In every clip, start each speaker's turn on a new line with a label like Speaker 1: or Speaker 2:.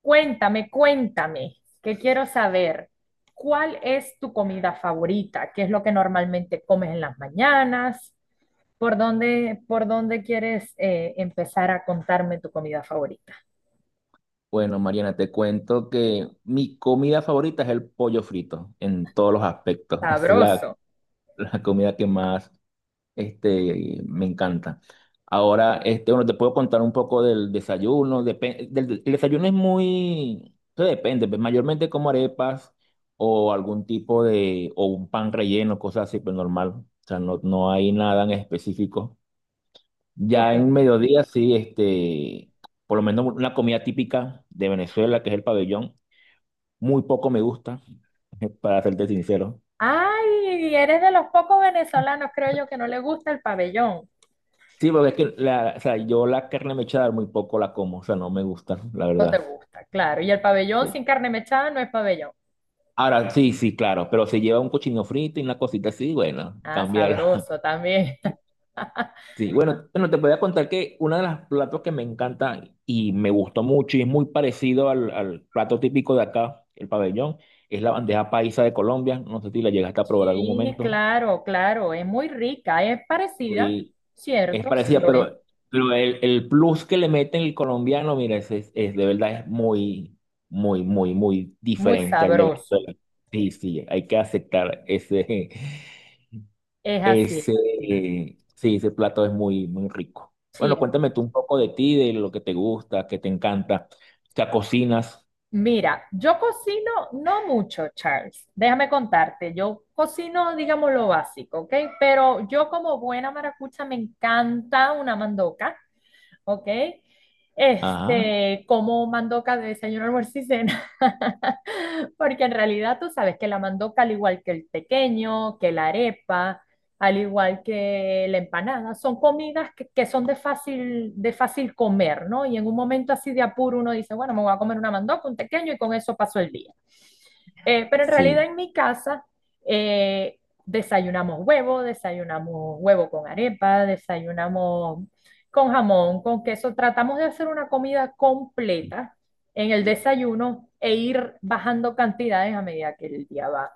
Speaker 1: Cuéntame, cuéntame, que quiero saber, ¿cuál es tu comida favorita? ¿Qué es lo que normalmente comes en las mañanas? Por dónde quieres empezar a contarme tu comida favorita?
Speaker 2: Bueno, Mariana, te cuento que mi comida favorita es el pollo frito en todos los aspectos.
Speaker 1: Para,
Speaker 2: Es la,
Speaker 1: sabroso.
Speaker 2: la comida que más me encanta. Ahora, te puedo contar un poco del desayuno. El desayuno es muy, eso depende, pues, mayormente como arepas o algún tipo de, o un pan relleno, cosas así, pero normal. O sea, no, no hay nada en específico. Ya
Speaker 1: Ok.
Speaker 2: en mediodía, sí, por lo menos una comida típica de Venezuela, que es el pabellón, muy poco me gusta, para serte sincero.
Speaker 1: Ay, eres de los pocos venezolanos, creo yo, que no le gusta el pabellón.
Speaker 2: Sí, porque es que la, o sea, yo la carne mechada muy poco la como, o sea, no me gusta, la
Speaker 1: No te
Speaker 2: verdad.
Speaker 1: gusta, claro. Y el pabellón sin carne mechada no es pabellón.
Speaker 2: Ahora, sí, sí, claro, pero si lleva un cochino frito y una cosita así, bueno,
Speaker 1: Ah,
Speaker 2: cambiar.
Speaker 1: sabroso también.
Speaker 2: Sí, bueno, bueno, te podía contar que uno de los platos que me encanta y me gustó mucho y es muy parecido al, al plato típico de acá, el pabellón, es la bandeja paisa de Colombia. No sé si la llegaste a probar algún
Speaker 1: Sí,
Speaker 2: momento.
Speaker 1: claro, claro, es muy rica, es parecida,
Speaker 2: Y es
Speaker 1: ¿cierto? Sí
Speaker 2: parecida,
Speaker 1: lo es,
Speaker 2: pero el plus que le meten el colombiano, mira, es de verdad es muy, muy, muy, muy
Speaker 1: muy
Speaker 2: diferente al de
Speaker 1: sabroso,
Speaker 2: Venezuela. Sí, sí, hay que aceptar ese,
Speaker 1: es así, es
Speaker 2: ese,
Speaker 1: así.
Speaker 2: sí, ese plato es muy, muy rico.
Speaker 1: Sí,
Speaker 2: Bueno, cuéntame tú un poco de ti, de lo que te gusta, que te encanta. O sea, cocinas.
Speaker 1: mira, yo cocino no mucho, Charles, déjame contarte, yo cocino, digamos, lo básico, ¿ok? Pero yo como buena maracucha me encanta una mandoca, ¿ok?
Speaker 2: Ajá,
Speaker 1: Este, como mandoca de desayuno, almuerzo y cena, porque en realidad tú sabes que la mandoca, al igual que el pequeño, que la arepa, al igual que la empanada, son comidas que son de fácil comer, ¿no? Y en un momento así de apuro uno dice, bueno, me voy a comer una mandoca, un pequeño y con eso paso el día. Pero en realidad
Speaker 2: sí.
Speaker 1: en mi casa eh, desayunamos huevo con arepa, desayunamos con jamón, con queso. Tratamos de hacer una comida completa en el desayuno e ir bajando cantidades a medida que el día va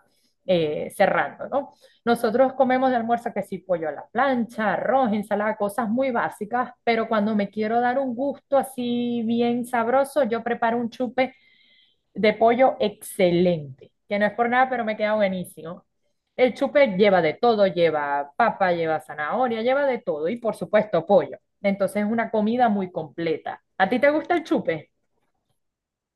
Speaker 1: cerrando, ¿no? Nosotros comemos de almuerzo que sí, pollo a la plancha, arroz, ensalada, cosas muy básicas, pero cuando me quiero dar un gusto así bien sabroso, yo preparo un chupe de pollo excelente, que no es por nada, pero me queda buenísimo. El chupe lleva de todo, lleva papa, lleva zanahoria, lleva de todo y por supuesto pollo. Entonces es una comida muy completa. ¿A ti te gusta el chupe?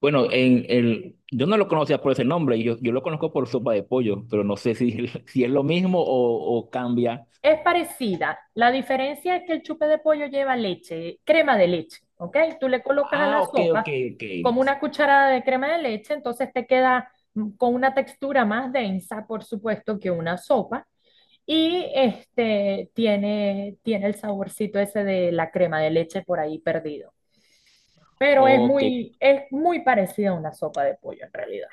Speaker 2: Bueno, en el, yo no lo conocía por ese nombre, yo lo conozco por sopa de pollo, pero no sé si, si es lo mismo o cambia.
Speaker 1: Es parecida. La diferencia es que el chupe de pollo lleva leche, crema de leche, ¿ok? Tú le colocas a la
Speaker 2: Ah, ok, ok,
Speaker 1: sopa
Speaker 2: ok.
Speaker 1: como una cucharada de crema de leche, entonces te queda con una textura más densa, por supuesto, que una sopa. Y este tiene, tiene el saborcito ese de la crema de leche por ahí perdido. Pero
Speaker 2: Ok,
Speaker 1: es muy parecida a una sopa de pollo en realidad.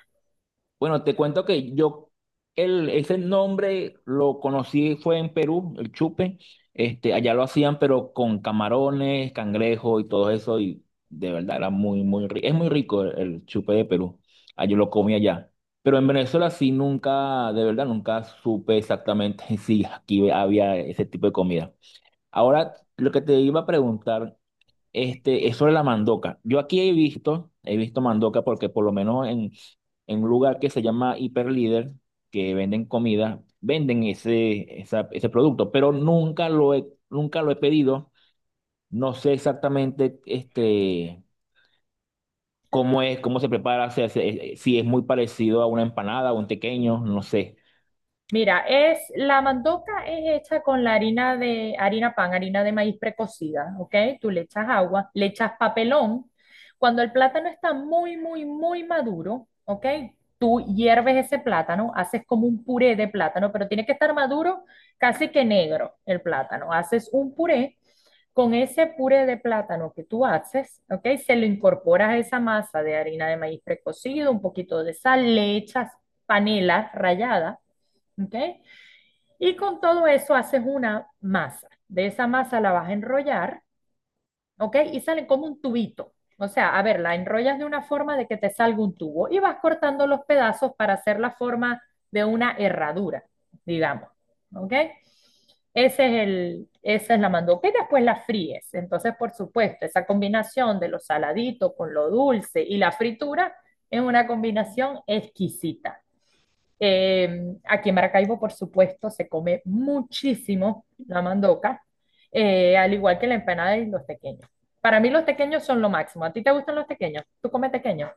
Speaker 2: bueno, te cuento que yo, el, ese nombre lo conocí, fue en Perú, el chupe. Allá lo hacían, pero con camarones, cangrejo y todo eso. Y de verdad era muy, muy rico. Es muy rico el chupe de Perú. Ah, yo lo comí allá. Pero en Venezuela sí nunca, de verdad, nunca supe exactamente si aquí había ese tipo de comida. Ahora, lo que te iba a preguntar es sobre la mandoca. Yo aquí he visto mandoca porque por lo menos en un lugar que se llama Hiperlíder, que venden comida, venden ese, ese producto, pero nunca lo he, nunca lo he pedido. No sé exactamente cómo es, cómo se prepara, o sea, si es muy parecido a una empanada o un tequeño, no sé.
Speaker 1: Mira, es la mandoca es hecha con la harina de harina pan, harina de maíz precocida, ¿ok? Tú le echas agua, le echas papelón. Cuando el plátano está muy, muy, muy maduro, ¿ok? Tú hierves ese plátano, haces como un puré de plátano, pero tiene que estar maduro, casi que negro el plátano. Haces un puré. Con ese puré de plátano que tú haces, ¿ok? Se lo incorporas a esa masa de harina de maíz precocido, un poquito de sal, le echas panela rallada, ¿ok? Y con todo eso haces una masa. De esa masa la vas a enrollar, ¿ok? Y salen como un tubito. O sea, a ver, la enrollas de una forma de que te salga un tubo y vas cortando los pedazos para hacer la forma de una herradura, digamos, ¿ok? Ese es el, esa es la mandoca y después la fríes. Entonces, por supuesto, esa combinación de lo saladito con lo dulce y la fritura es una combinación exquisita. Aquí en Maracaibo, por supuesto, se come muchísimo la mandoca, al igual que la empanada y los tequeños. Para mí los tequeños son lo máximo. ¿A ti te gustan los tequeños? ¿Tú comes tequeños?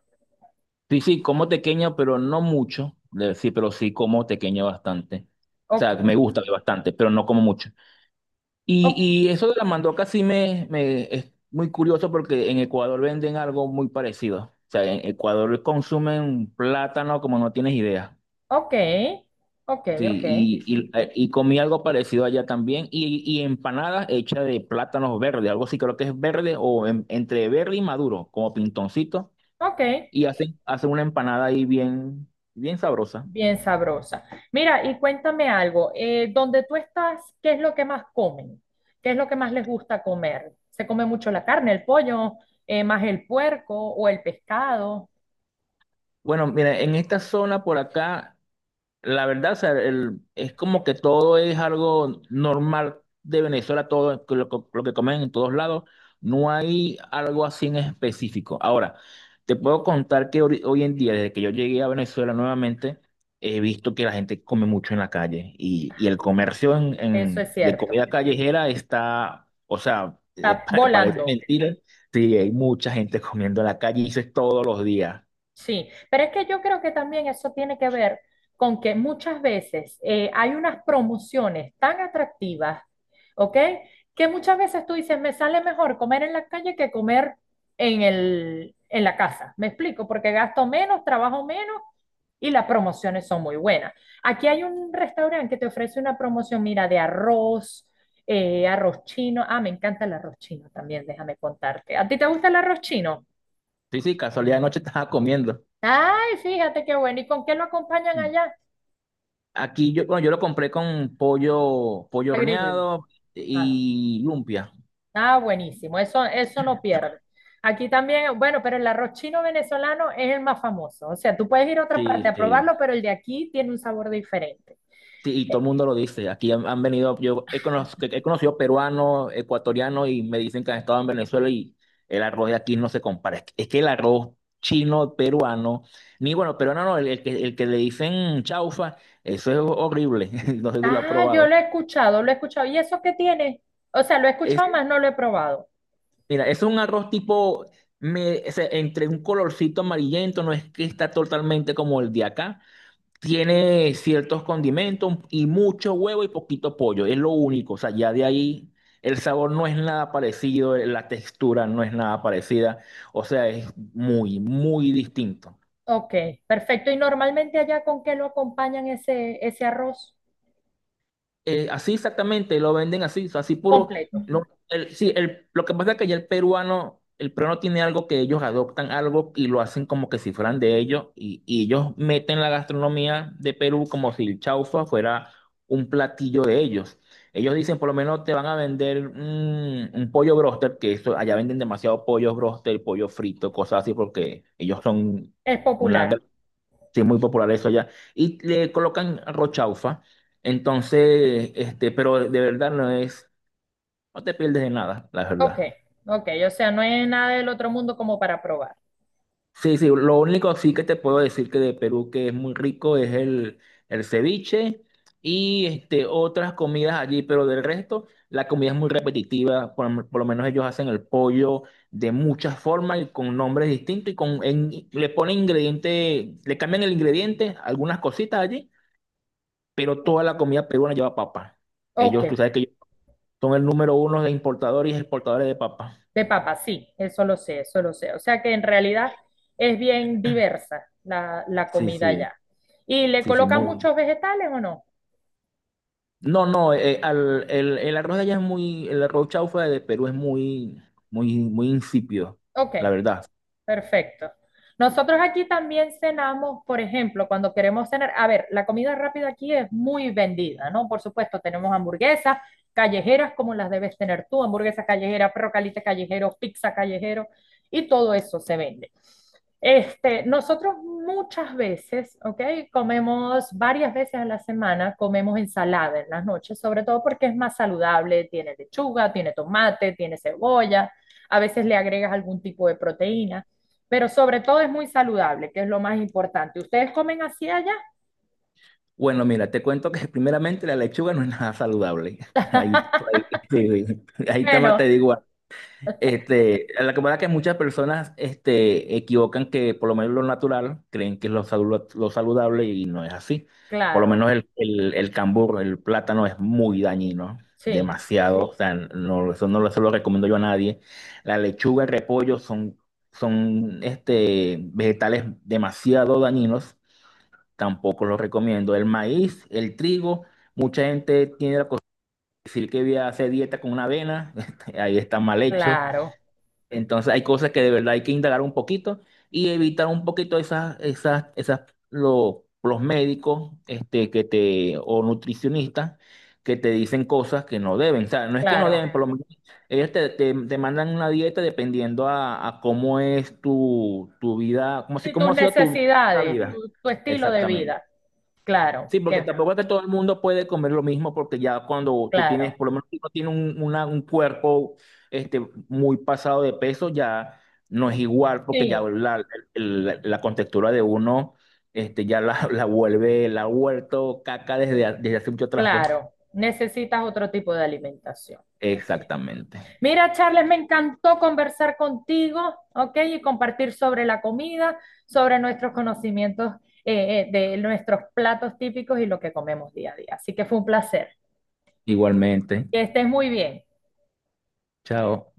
Speaker 2: Sí, sí, como tequeño, pero no mucho. Sí, pero sí como tequeño bastante. O
Speaker 1: Ok,
Speaker 2: sea, me gusta bastante, pero no como mucho. Y,
Speaker 1: o-
Speaker 2: y eso de la mandoca sí me es muy curioso porque en Ecuador venden algo muy parecido. O sea, en Ecuador consumen plátano como no tienes idea.
Speaker 1: ok, ok,
Speaker 2: Sí,
Speaker 1: ok,
Speaker 2: y comí algo parecido allá también. Y empanadas hechas de plátanos verdes, algo así creo que es verde o entre verde y maduro, como pintoncito.
Speaker 1: ok.
Speaker 2: Y hacen, hacen una empanada ahí bien, bien sabrosa.
Speaker 1: Bien sabrosa. Mira, y cuéntame algo. ¿Dónde tú estás, qué es lo que más comen? ¿Qué es lo que más les gusta comer? ¿Se come mucho la carne, el pollo, más el puerco o el pescado?
Speaker 2: Bueno, mira, en esta zona por acá. La verdad, o sea, es como que todo es algo normal de Venezuela, todo es lo que comen en todos lados. No hay algo así en específico. Ahora, te puedo contar que hoy en día, desde que yo llegué a Venezuela nuevamente, he visto que la gente come mucho en la calle y el comercio en,
Speaker 1: Eso es
Speaker 2: de
Speaker 1: cierto.
Speaker 2: comida callejera está, o sea,
Speaker 1: Está
Speaker 2: parece
Speaker 1: volando,
Speaker 2: mentira. Sí, hay mucha gente comiendo en la calle y eso es todos los días.
Speaker 1: sí. Pero es que yo creo que también eso tiene que ver con que muchas veces hay unas promociones tan atractivas, ¿ok? Que muchas veces tú dices, me sale mejor comer en la calle que comer en el, en la casa. ¿Me explico? Porque gasto menos, trabajo menos y las promociones son muy buenas. Aquí hay un restaurante que te ofrece una promoción, mira, de arroz, arroz chino. Ah, me encanta el arroz chino también, déjame contarte. ¿A ti te gusta el arroz chino?
Speaker 2: Sí, sí, casualidad, anoche estaba comiendo.
Speaker 1: Ay, fíjate qué bueno. ¿Y con qué lo acompañan allá?
Speaker 2: Aquí yo, bueno, yo lo compré con pollo, pollo
Speaker 1: Agridulce.
Speaker 2: horneado
Speaker 1: Ah,
Speaker 2: y lumpia.
Speaker 1: ah, buenísimo. Eso no pierde. Aquí también, bueno, pero el arroz chino venezolano es el más famoso. O sea, tú puedes ir a otra parte
Speaker 2: Sí,
Speaker 1: a
Speaker 2: sí.
Speaker 1: probarlo, pero el de aquí tiene un sabor diferente.
Speaker 2: Sí, y todo
Speaker 1: Eh,
Speaker 2: el mundo lo dice. Aquí han, han venido, yo he, he conocido peruanos, ecuatorianos y me dicen que han estado en Venezuela y el arroz de aquí no se compara. Es que el arroz chino, peruano, ni bueno, peruano no, el que le dicen chaufa, eso es horrible. No sé si lo has
Speaker 1: ah, yo
Speaker 2: probado.
Speaker 1: lo he escuchado, lo he escuchado. ¿Y eso qué tiene? O sea, lo he
Speaker 2: Es,
Speaker 1: escuchado más, no lo he probado.
Speaker 2: mira, es un arroz tipo, me, o sea, entre un colorcito amarillento, no es que está totalmente como el de acá. Tiene ciertos condimentos y mucho huevo y poquito pollo, es lo único. O sea, ya de ahí el sabor no es nada parecido, la textura no es nada parecida. O sea, es muy, muy distinto.
Speaker 1: Ok, perfecto. ¿Y normalmente allá con qué lo acompañan ese, ese arroz
Speaker 2: Así exactamente, lo venden así, o sea, así puro.
Speaker 1: completo?
Speaker 2: No, sí, el, lo que pasa es que ya el peruano tiene algo que ellos adoptan algo y lo hacen como que si fueran de ellos, y ellos meten la gastronomía de Perú como si el chaufa fuera un platillo de ellos. Ellos dicen, por lo menos te van a vender un pollo broster, que eso, allá venden demasiado pollo broster, pollo frito, cosas así, porque ellos son
Speaker 1: Es
Speaker 2: una.
Speaker 1: popular.
Speaker 2: Sí, es muy popular eso allá. Y le colocan rochaufa. Entonces, pero de verdad no es, no te pierdes de nada, la
Speaker 1: Ok,
Speaker 2: verdad.
Speaker 1: ok. O sea, no es nada del otro mundo como para probar.
Speaker 2: Sí, sí, lo único sí que te puedo decir que de Perú que es muy rico es el ceviche y otras comidas allí, pero del resto la comida es muy repetitiva, por lo menos ellos hacen el pollo de muchas formas y con nombres distintos y con, le ponen ingredientes, le cambian el ingrediente, algunas cositas allí pero toda la comida peruana lleva papa.
Speaker 1: Ok,
Speaker 2: Ellos, tú sabes que ellos son el número uno de importadores y exportadores de papa.
Speaker 1: de papa, sí, eso lo sé, eso lo sé. O sea que en realidad es bien diversa la, la
Speaker 2: Sí,
Speaker 1: comida
Speaker 2: sí,
Speaker 1: allá. ¿Y le
Speaker 2: sí, sí,
Speaker 1: colocan
Speaker 2: muy.
Speaker 1: muchos vegetales o no?
Speaker 2: No, no, el arroz de allá es muy, el arroz chaufa de Perú es muy, muy, muy insípido,
Speaker 1: Ok,
Speaker 2: la verdad.
Speaker 1: perfecto. Nosotros aquí también cenamos, por ejemplo, cuando queremos cenar, a ver, la comida rápida aquí es muy vendida, ¿no? Por supuesto, tenemos hamburguesas callejeras como las debes tener tú, hamburguesas callejeras, perro caliente callejero, pizza callejero y todo eso se vende. Este, nosotros muchas veces, ¿ok? Comemos varias veces a la semana, comemos ensalada en las noches, sobre todo porque es más saludable, tiene lechuga, tiene tomate, tiene cebolla, a veces le agregas algún tipo de proteína pero sobre todo es muy saludable, que es lo más importante. ¿Ustedes comen así allá?
Speaker 2: Bueno, mira, te cuento que primeramente la lechuga no es nada saludable. Ahí, ahí, sí, sí. Ahí está, más
Speaker 1: Bueno,
Speaker 2: te digo. La que pasa es que muchas personas equivocan que por lo menos lo natural creen que es lo, lo saludable y no es así. Por lo
Speaker 1: claro,
Speaker 2: menos el cambur, el plátano es muy dañino,
Speaker 1: sí,
Speaker 2: demasiado. O sea, no, eso no se lo recomiendo yo a nadie. La lechuga, el repollo son, son vegetales demasiado dañinos, tampoco los recomiendo. El maíz, el trigo, mucha gente tiene la costumbre de decir que voy a hacer dieta con una avena, ahí está mal hecho.
Speaker 1: claro,
Speaker 2: Entonces hay cosas que de verdad hay que indagar un poquito y evitar un poquito esas, esas, esas, los médicos, que te, o nutricionistas que te dicen cosas que no deben. O sea, no es que no
Speaker 1: claro.
Speaker 2: deben, por lo menos ellos te, te, te mandan una dieta dependiendo a cómo es tu, tu vida, como si,
Speaker 1: Y tus
Speaker 2: cómo ha sido tu, tu
Speaker 1: necesidades,
Speaker 2: vida.
Speaker 1: tu estilo de
Speaker 2: Exactamente.
Speaker 1: vida, claro,
Speaker 2: Sí, porque
Speaker 1: que,
Speaker 2: tampoco es que todo el mundo puede comer lo mismo, porque ya cuando tú tienes,
Speaker 1: claro,
Speaker 2: por lo menos si uno tiene un, un cuerpo este, muy pasado de peso, ya no es igual, porque ya
Speaker 1: sí,
Speaker 2: la, la contextura de uno ya la vuelve, la ha vuelto caca desde, desde hace mucho atrás, pues.
Speaker 1: claro. Necesitas otro tipo de alimentación.
Speaker 2: Exactamente.
Speaker 1: Mira, Charles, me encantó conversar contigo, ¿ok? Y compartir sobre la comida, sobre nuestros conocimientos de nuestros platos típicos y lo que comemos día a día. Así que fue un placer.
Speaker 2: Igualmente.
Speaker 1: Que estés muy bien.
Speaker 2: Chao.